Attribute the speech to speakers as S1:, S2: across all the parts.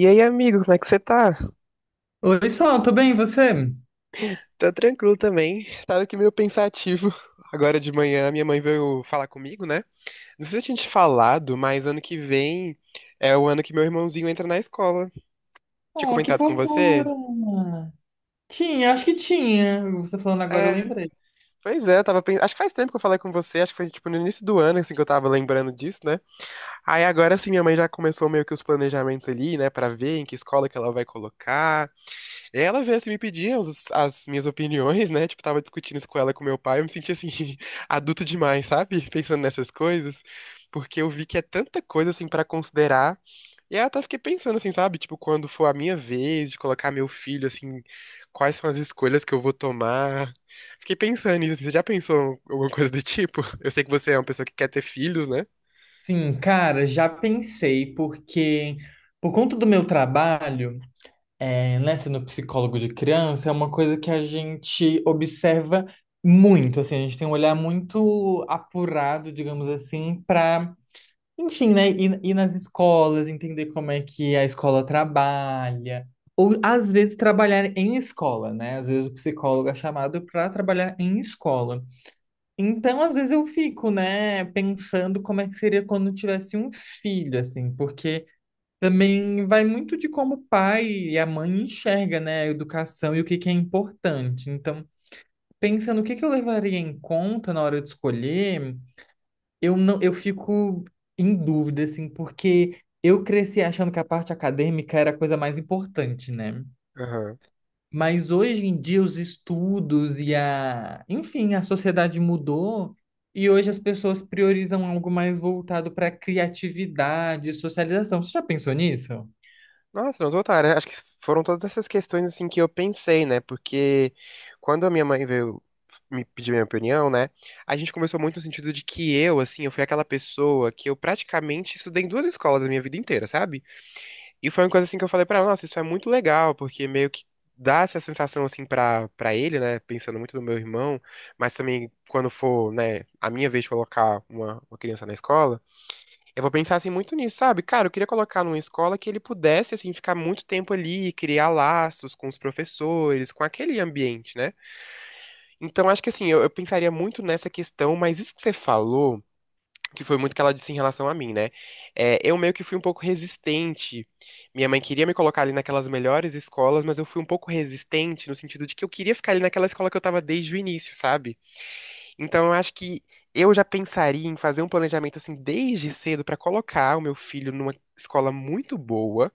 S1: E aí, amigo, como é que você tá?
S2: Oi, Sol, tô bem, e você?
S1: Tá tranquilo também. Tava aqui meio pensativo. Agora de manhã, minha mãe veio falar comigo, né? Não sei se eu tinha te falado, mas ano que vem é o ano que meu irmãozinho entra na escola. Tinha
S2: Oh, que
S1: comentado com você?
S2: fofura! Tinha, acho que tinha. Você falando agora, eu
S1: É,
S2: lembrei.
S1: pois é, eu tava pensando. Acho que faz tempo que eu falei com você, acho que foi tipo no início do ano, assim, que eu tava lembrando disso, né? Aí agora sim, minha mãe já começou meio que os planejamentos ali, né, pra ver em que escola que ela vai colocar. Ela veio assim me pedir as minhas opiniões, né? Tipo, tava discutindo isso com ela, e com meu pai. Eu me senti assim, adulto demais, sabe? Pensando nessas coisas. Porque eu vi que é tanta coisa assim pra considerar. E aí eu até fiquei pensando assim, sabe? Tipo, quando for a minha vez de colocar meu filho, assim, quais são as escolhas que eu vou tomar. Fiquei pensando nisso, assim. Você já pensou em alguma coisa do tipo? Eu sei que você é uma pessoa que quer ter filhos, né?
S2: Sim, cara, já pensei, porque por conta do meu trabalho, é, né, sendo psicólogo de criança, é uma coisa que a gente observa muito, assim, a gente tem um olhar muito apurado, digamos assim, para enfim, né? Ir nas escolas, entender como é que a escola trabalha. Ou, às vezes, trabalhar em escola, né? Às vezes o psicólogo é chamado para trabalhar em escola. Então, às vezes, eu fico, né, pensando como é que seria quando eu tivesse um filho, assim, porque também vai muito de como o pai e a mãe enxerga, né, a educação e o que que é importante. Então, pensando o que que eu levaria em conta na hora de escolher. Eu não, eu fico em dúvida, assim, porque eu cresci achando que a parte acadêmica era a coisa mais importante, né?
S1: Aham.
S2: Mas hoje em dia os estudos e enfim, a sociedade mudou, e hoje as pessoas priorizam algo mais voltado para criatividade e socialização. Você já pensou nisso?
S1: Nossa, não total, né? Acho que foram todas essas questões assim que eu pensei, né? Porque quando a minha mãe veio me pedir minha opinião, né? A gente conversou muito no sentido de que eu, assim, eu fui aquela pessoa que eu praticamente estudei em duas escolas a minha vida inteira, sabe? E foi uma coisa assim que eu falei pra ela, nossa, isso é muito legal, porque meio que dá essa sensação assim pra para ele, né? Pensando muito no meu irmão, mas também quando for, né, a minha vez de colocar uma criança na escola, eu vou pensar assim muito nisso, sabe? Cara, eu queria colocar numa escola que ele pudesse assim ficar muito tempo ali, criar laços com os professores, com aquele ambiente, né? Então acho que assim, eu pensaria muito nessa questão, mas isso que você falou, que foi muito que ela disse em relação a mim, né? É, eu meio que fui um pouco resistente. Minha mãe queria me colocar ali naquelas melhores escolas, mas eu fui um pouco resistente no sentido de que eu queria ficar ali naquela escola que eu tava desde o início, sabe? Então, eu acho que eu já pensaria em fazer um planejamento assim desde cedo pra colocar o meu filho numa escola muito boa,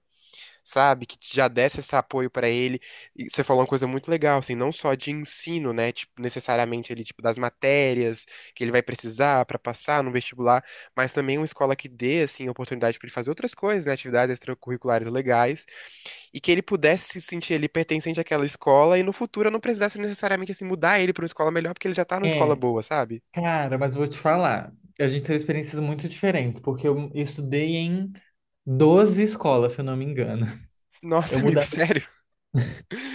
S1: sabe? Que já desse esse apoio pra ele. E você falou uma coisa muito legal, assim, não só de ensino, né? Tipo, necessariamente ele, tipo, das matérias que ele vai precisar pra passar no vestibular, mas também uma escola que dê, assim, oportunidade pra ele fazer outras coisas, né? Atividades extracurriculares legais, e que ele pudesse se sentir ali pertencente àquela escola e no futuro eu não precisasse necessariamente, assim, mudar ele pra uma escola melhor, porque ele já tá numa escola
S2: É,
S1: boa, sabe?
S2: cara, mas vou te falar. A gente teve experiências muito diferentes, porque eu estudei em 12 escolas, se eu não me engano. Eu
S1: Nossa, amigo,
S2: mudava
S1: sério?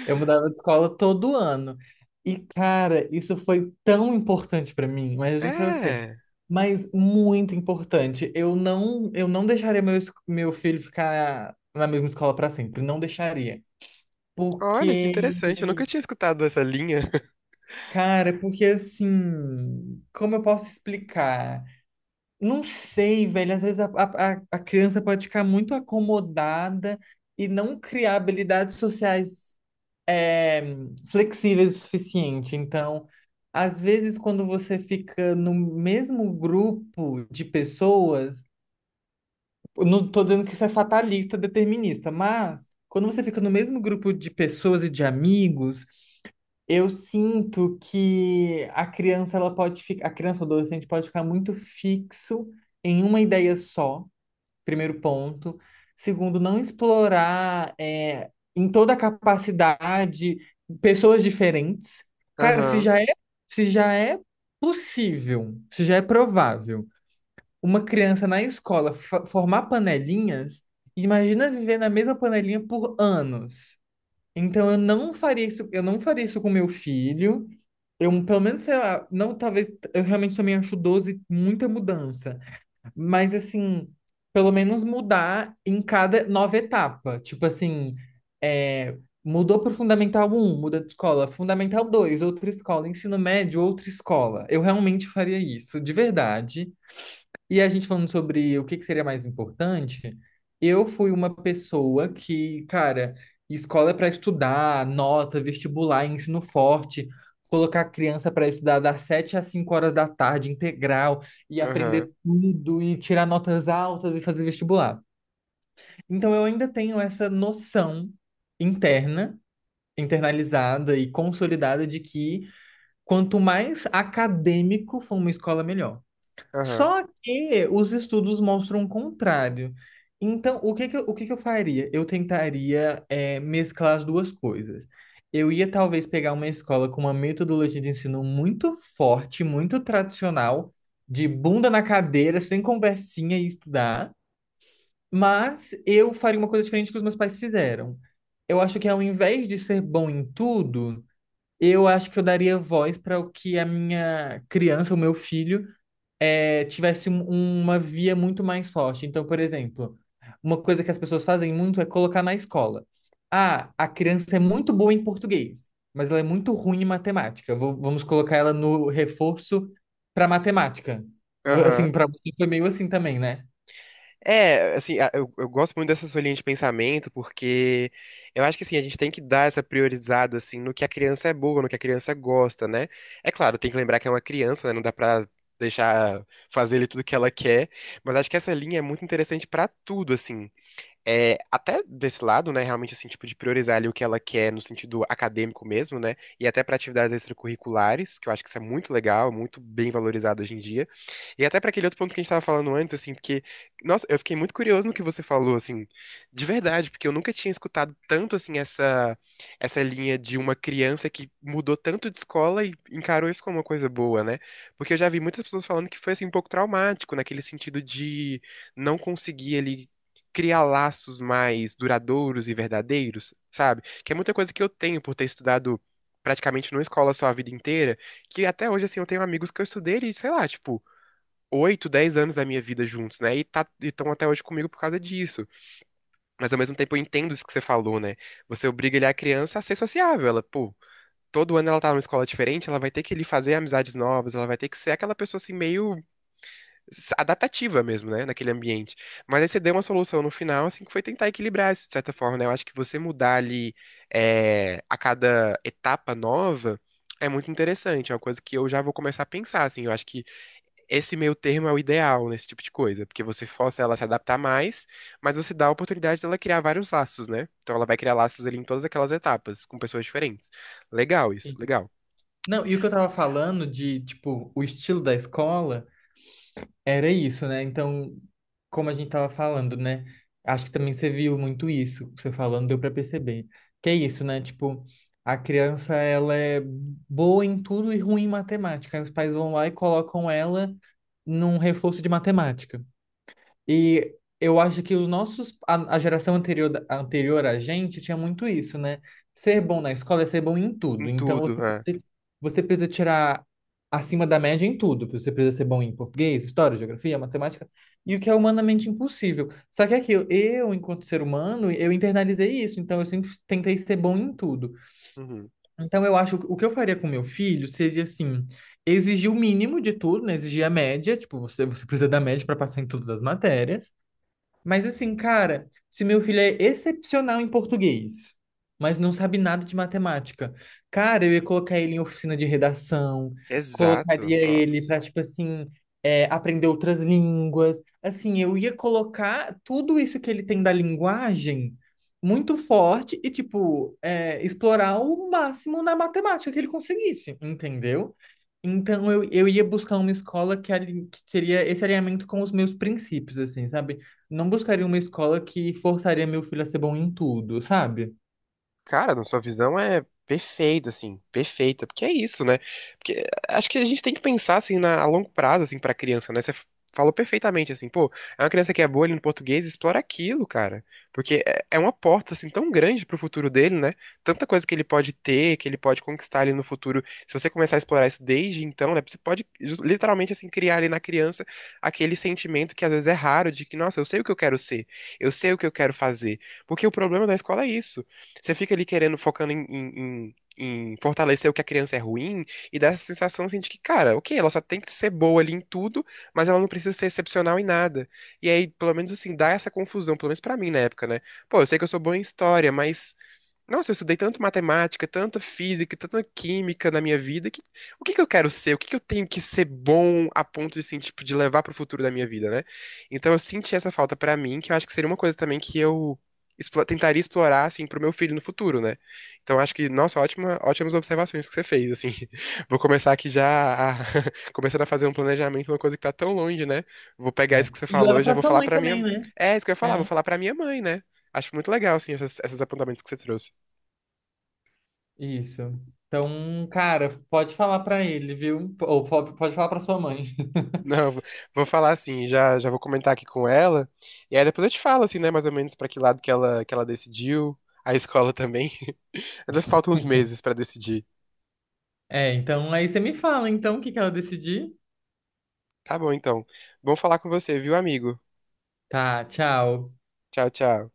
S2: Eu mudava de escola todo ano. E, cara, isso foi tão importante pra mim, mas eu digo pra você,
S1: É.
S2: mas muito importante. Eu não deixaria meu filho ficar na mesma escola pra sempre, não deixaria.
S1: Olha, que interessante. Eu
S2: Porque,
S1: nunca tinha escutado essa linha.
S2: cara, porque assim, como eu posso explicar? Não sei, velho, às vezes a criança pode ficar muito acomodada e não criar habilidades sociais é, flexíveis o suficiente. Então, às vezes, quando você fica no mesmo grupo de pessoas, eu não estou dizendo que isso é fatalista, determinista, mas quando você fica no mesmo grupo de pessoas e de amigos, eu sinto que a criança ela pode ficar, a criança ou adolescente pode ficar muito fixo em uma ideia só, primeiro ponto. Segundo, não explorar, em toda a capacidade, pessoas diferentes. Cara,
S1: Aham,
S2: se já é se já é provável uma criança na escola formar panelinhas, imagina viver na mesma panelinha por anos. Então eu não faria isso, eu não faria isso com meu filho. Eu, pelo menos, sei lá, não, talvez, eu realmente também acho 12 muita mudança. Mas assim, pelo menos mudar em cada nova etapa. Tipo assim, é, mudou pro Fundamental um, muda de escola, Fundamental 2 outra escola, ensino médio, outra escola. Eu realmente faria isso, de verdade. E a gente falando sobre o que que seria mais importante, eu fui uma pessoa que, cara, escola é para estudar, nota, vestibular, ensino forte, colocar a criança para estudar das 7 às 5 horas da tarde, integral, e
S1: aham,
S2: aprender tudo, e tirar notas altas e fazer vestibular. Então eu ainda tenho essa noção interna, internalizada e consolidada de que quanto mais acadêmico for uma escola, melhor.
S1: aham,
S2: Só que os estudos mostram o contrário. Então, o que que eu, o que que eu faria? Eu tentaria mesclar as duas coisas. Eu ia talvez pegar uma escola com uma metodologia de ensino muito forte, muito tradicional, de bunda na cadeira, sem conversinha e estudar, mas eu faria uma coisa diferente que os meus pais fizeram. Eu acho que ao invés de ser bom em tudo, eu acho que eu daria voz para o que a minha criança, o meu filho tivesse uma via muito mais forte. Então, por exemplo, uma coisa que as pessoas fazem muito é colocar na escola. Ah, a criança é muito boa em português, mas ela é muito ruim em matemática. Vamos colocar ela no reforço para matemática. Assim,
S1: aham.
S2: para você foi meio assim também, né?
S1: É, assim, eu gosto muito dessa sua linha de pensamento, porque eu acho que, assim, a gente tem que dar essa priorizada, assim, no que a criança é boa, no que a criança gosta, né? É claro, tem que lembrar que é uma criança, né? Não dá pra deixar fazer ele tudo que ela quer, mas acho que essa linha é muito interessante pra tudo, assim. É, até desse lado, né, realmente assim, tipo, de priorizar ali o que ela quer no sentido acadêmico mesmo, né, e até para atividades extracurriculares, que eu acho que isso é muito legal, muito bem valorizado hoje em dia. E até para aquele outro ponto que a gente estava falando antes, assim, porque, nossa, eu fiquei muito curioso no que você falou, assim, de verdade, porque eu nunca tinha escutado tanto, assim, essa linha de uma criança que mudou tanto de escola e encarou isso como uma coisa boa, né? Porque eu já vi muitas pessoas falando que foi, assim, um pouco traumático, naquele sentido de não conseguir ali criar laços mais duradouros e verdadeiros, sabe? Que é muita coisa que eu tenho por ter estudado praticamente numa escola só a vida inteira, que até hoje, assim, eu tenho amigos que eu estudei, e, sei lá, tipo, 8, 10 anos da minha vida juntos, né? E tá, estão até hoje comigo por causa disso. Mas ao mesmo tempo eu entendo isso que você falou, né? Você obriga ele, a criança, a ser sociável. Ela, pô, todo ano ela tá numa escola diferente, ela vai ter que ele fazer amizades novas, ela vai ter que ser aquela pessoa assim meio adaptativa mesmo, né, naquele ambiente. Mas aí você deu uma solução no final, assim, que foi tentar equilibrar isso, de certa forma, né? Eu acho que você mudar ali, é, a cada etapa nova é muito interessante, é uma coisa que eu já vou começar a pensar, assim, eu acho que esse meio termo é o ideal nesse tipo de coisa, porque você força ela a se adaptar mais, mas você dá a oportunidade dela criar vários laços, né? Então ela vai criar laços ali em todas aquelas etapas, com pessoas diferentes. Legal isso,
S2: Sim.
S1: legal.
S2: Não, e o que eu tava falando de, tipo, o estilo da escola. Era isso, né? Então, como a gente tava falando, né? Acho que também você viu muito isso, você falando, deu para perceber. Que é isso, né? Tipo, a criança, ela é boa em tudo e ruim em matemática. Aí os pais vão lá e colocam ela num reforço de matemática. E eu acho que os nossos, a geração anterior, anterior a gente tinha muito isso, né? Ser bom na escola é ser bom em
S1: Em
S2: tudo. Então
S1: tudo,
S2: você,
S1: né?
S2: você precisa tirar acima da média em tudo. Você precisa ser bom em português, história, geografia, matemática, e o que é humanamente impossível. Só que é aquilo, eu, enquanto ser humano, eu internalizei isso, então eu sempre tentei ser bom em tudo.
S1: Uhum.
S2: Então eu acho que o que eu faria com meu filho seria assim, exigir o mínimo de tudo, né? Exigir a média, tipo, você, você precisa da média para passar em todas as matérias. Mas assim, cara, se meu filho é excepcional em português, mas não sabe nada de matemática, cara, eu ia colocar ele em oficina de redação,
S1: Exato,
S2: colocaria ele
S1: nossa.
S2: para, tipo assim, aprender outras línguas. Assim, eu ia colocar tudo isso que ele tem da linguagem muito forte e, tipo, explorar o máximo na matemática que ele conseguisse, entendeu? Então, eu ia buscar uma escola que, que teria esse alinhamento com os meus princípios, assim, sabe? Não buscaria uma escola que forçaria meu filho a ser bom em tudo, sabe?
S1: Cara, na sua visão é perfeita, assim, perfeita, porque é isso, né? Porque eh, acho que a gente tem que pensar, assim, na, a longo prazo, assim, pra criança, né? Você falou perfeitamente, assim, pô, é uma criança que é boa ali no português, explora aquilo, cara, porque é, é uma porta, assim, tão grande pro futuro dele, né? Tanta coisa que ele pode ter, que ele pode conquistar ali no futuro, se você começar a explorar isso desde então, né? Você pode, literalmente, assim, criar ali na criança aquele sentimento que às vezes é raro de que, nossa, eu sei o que eu quero ser, eu sei o que eu quero fazer, porque o problema da escola é isso. Você fica ali querendo, focando em fortalecer o que a criança é ruim, e dá essa sensação assim, de que, cara, ok, ela só tem que ser boa ali em tudo, mas ela não precisa ser excepcional em nada. E aí, pelo menos assim, dá essa confusão, pelo menos pra mim na época, né? Pô, eu sei que eu sou bom em história, mas. Nossa, eu estudei tanto matemática, tanta física, tanta química na minha vida, que o que que eu quero ser? O que que eu tenho que ser bom a ponto de, assim, tipo, de levar pro futuro da minha vida, né? Então eu senti essa falta pra mim, que eu acho que seria uma coisa também que eu tentaria explorar, assim, pro meu filho no futuro, né? Então, acho que, nossa, ótima, ótimas observações que você fez, assim. Vou começar aqui já, começando a fazer um planejamento, uma coisa que tá tão longe, né? Vou pegar
S2: É.
S1: isso que você
S2: E
S1: falou
S2: leva
S1: e já
S2: pra
S1: vou
S2: sua
S1: falar
S2: mãe
S1: pra
S2: também,
S1: minha...
S2: né?
S1: É, isso que eu ia
S2: É.
S1: falar, vou falar pra minha mãe, né? Acho muito legal, assim, essas, esses apontamentos que você trouxe.
S2: Isso. Então, cara, pode falar pra ele, viu? Ou pode falar pra sua mãe.
S1: Não, vou falar assim, já, já vou comentar aqui com ela, e aí depois eu te falo, assim, né, mais ou menos pra que lado que ela decidiu, a escola também. Ainda faltam uns meses pra decidir.
S2: É, então aí você me fala, então, o que que ela decidir?
S1: Tá bom, então. Bom falar com você, viu, amigo?
S2: Tá, tchau.
S1: Tchau, tchau.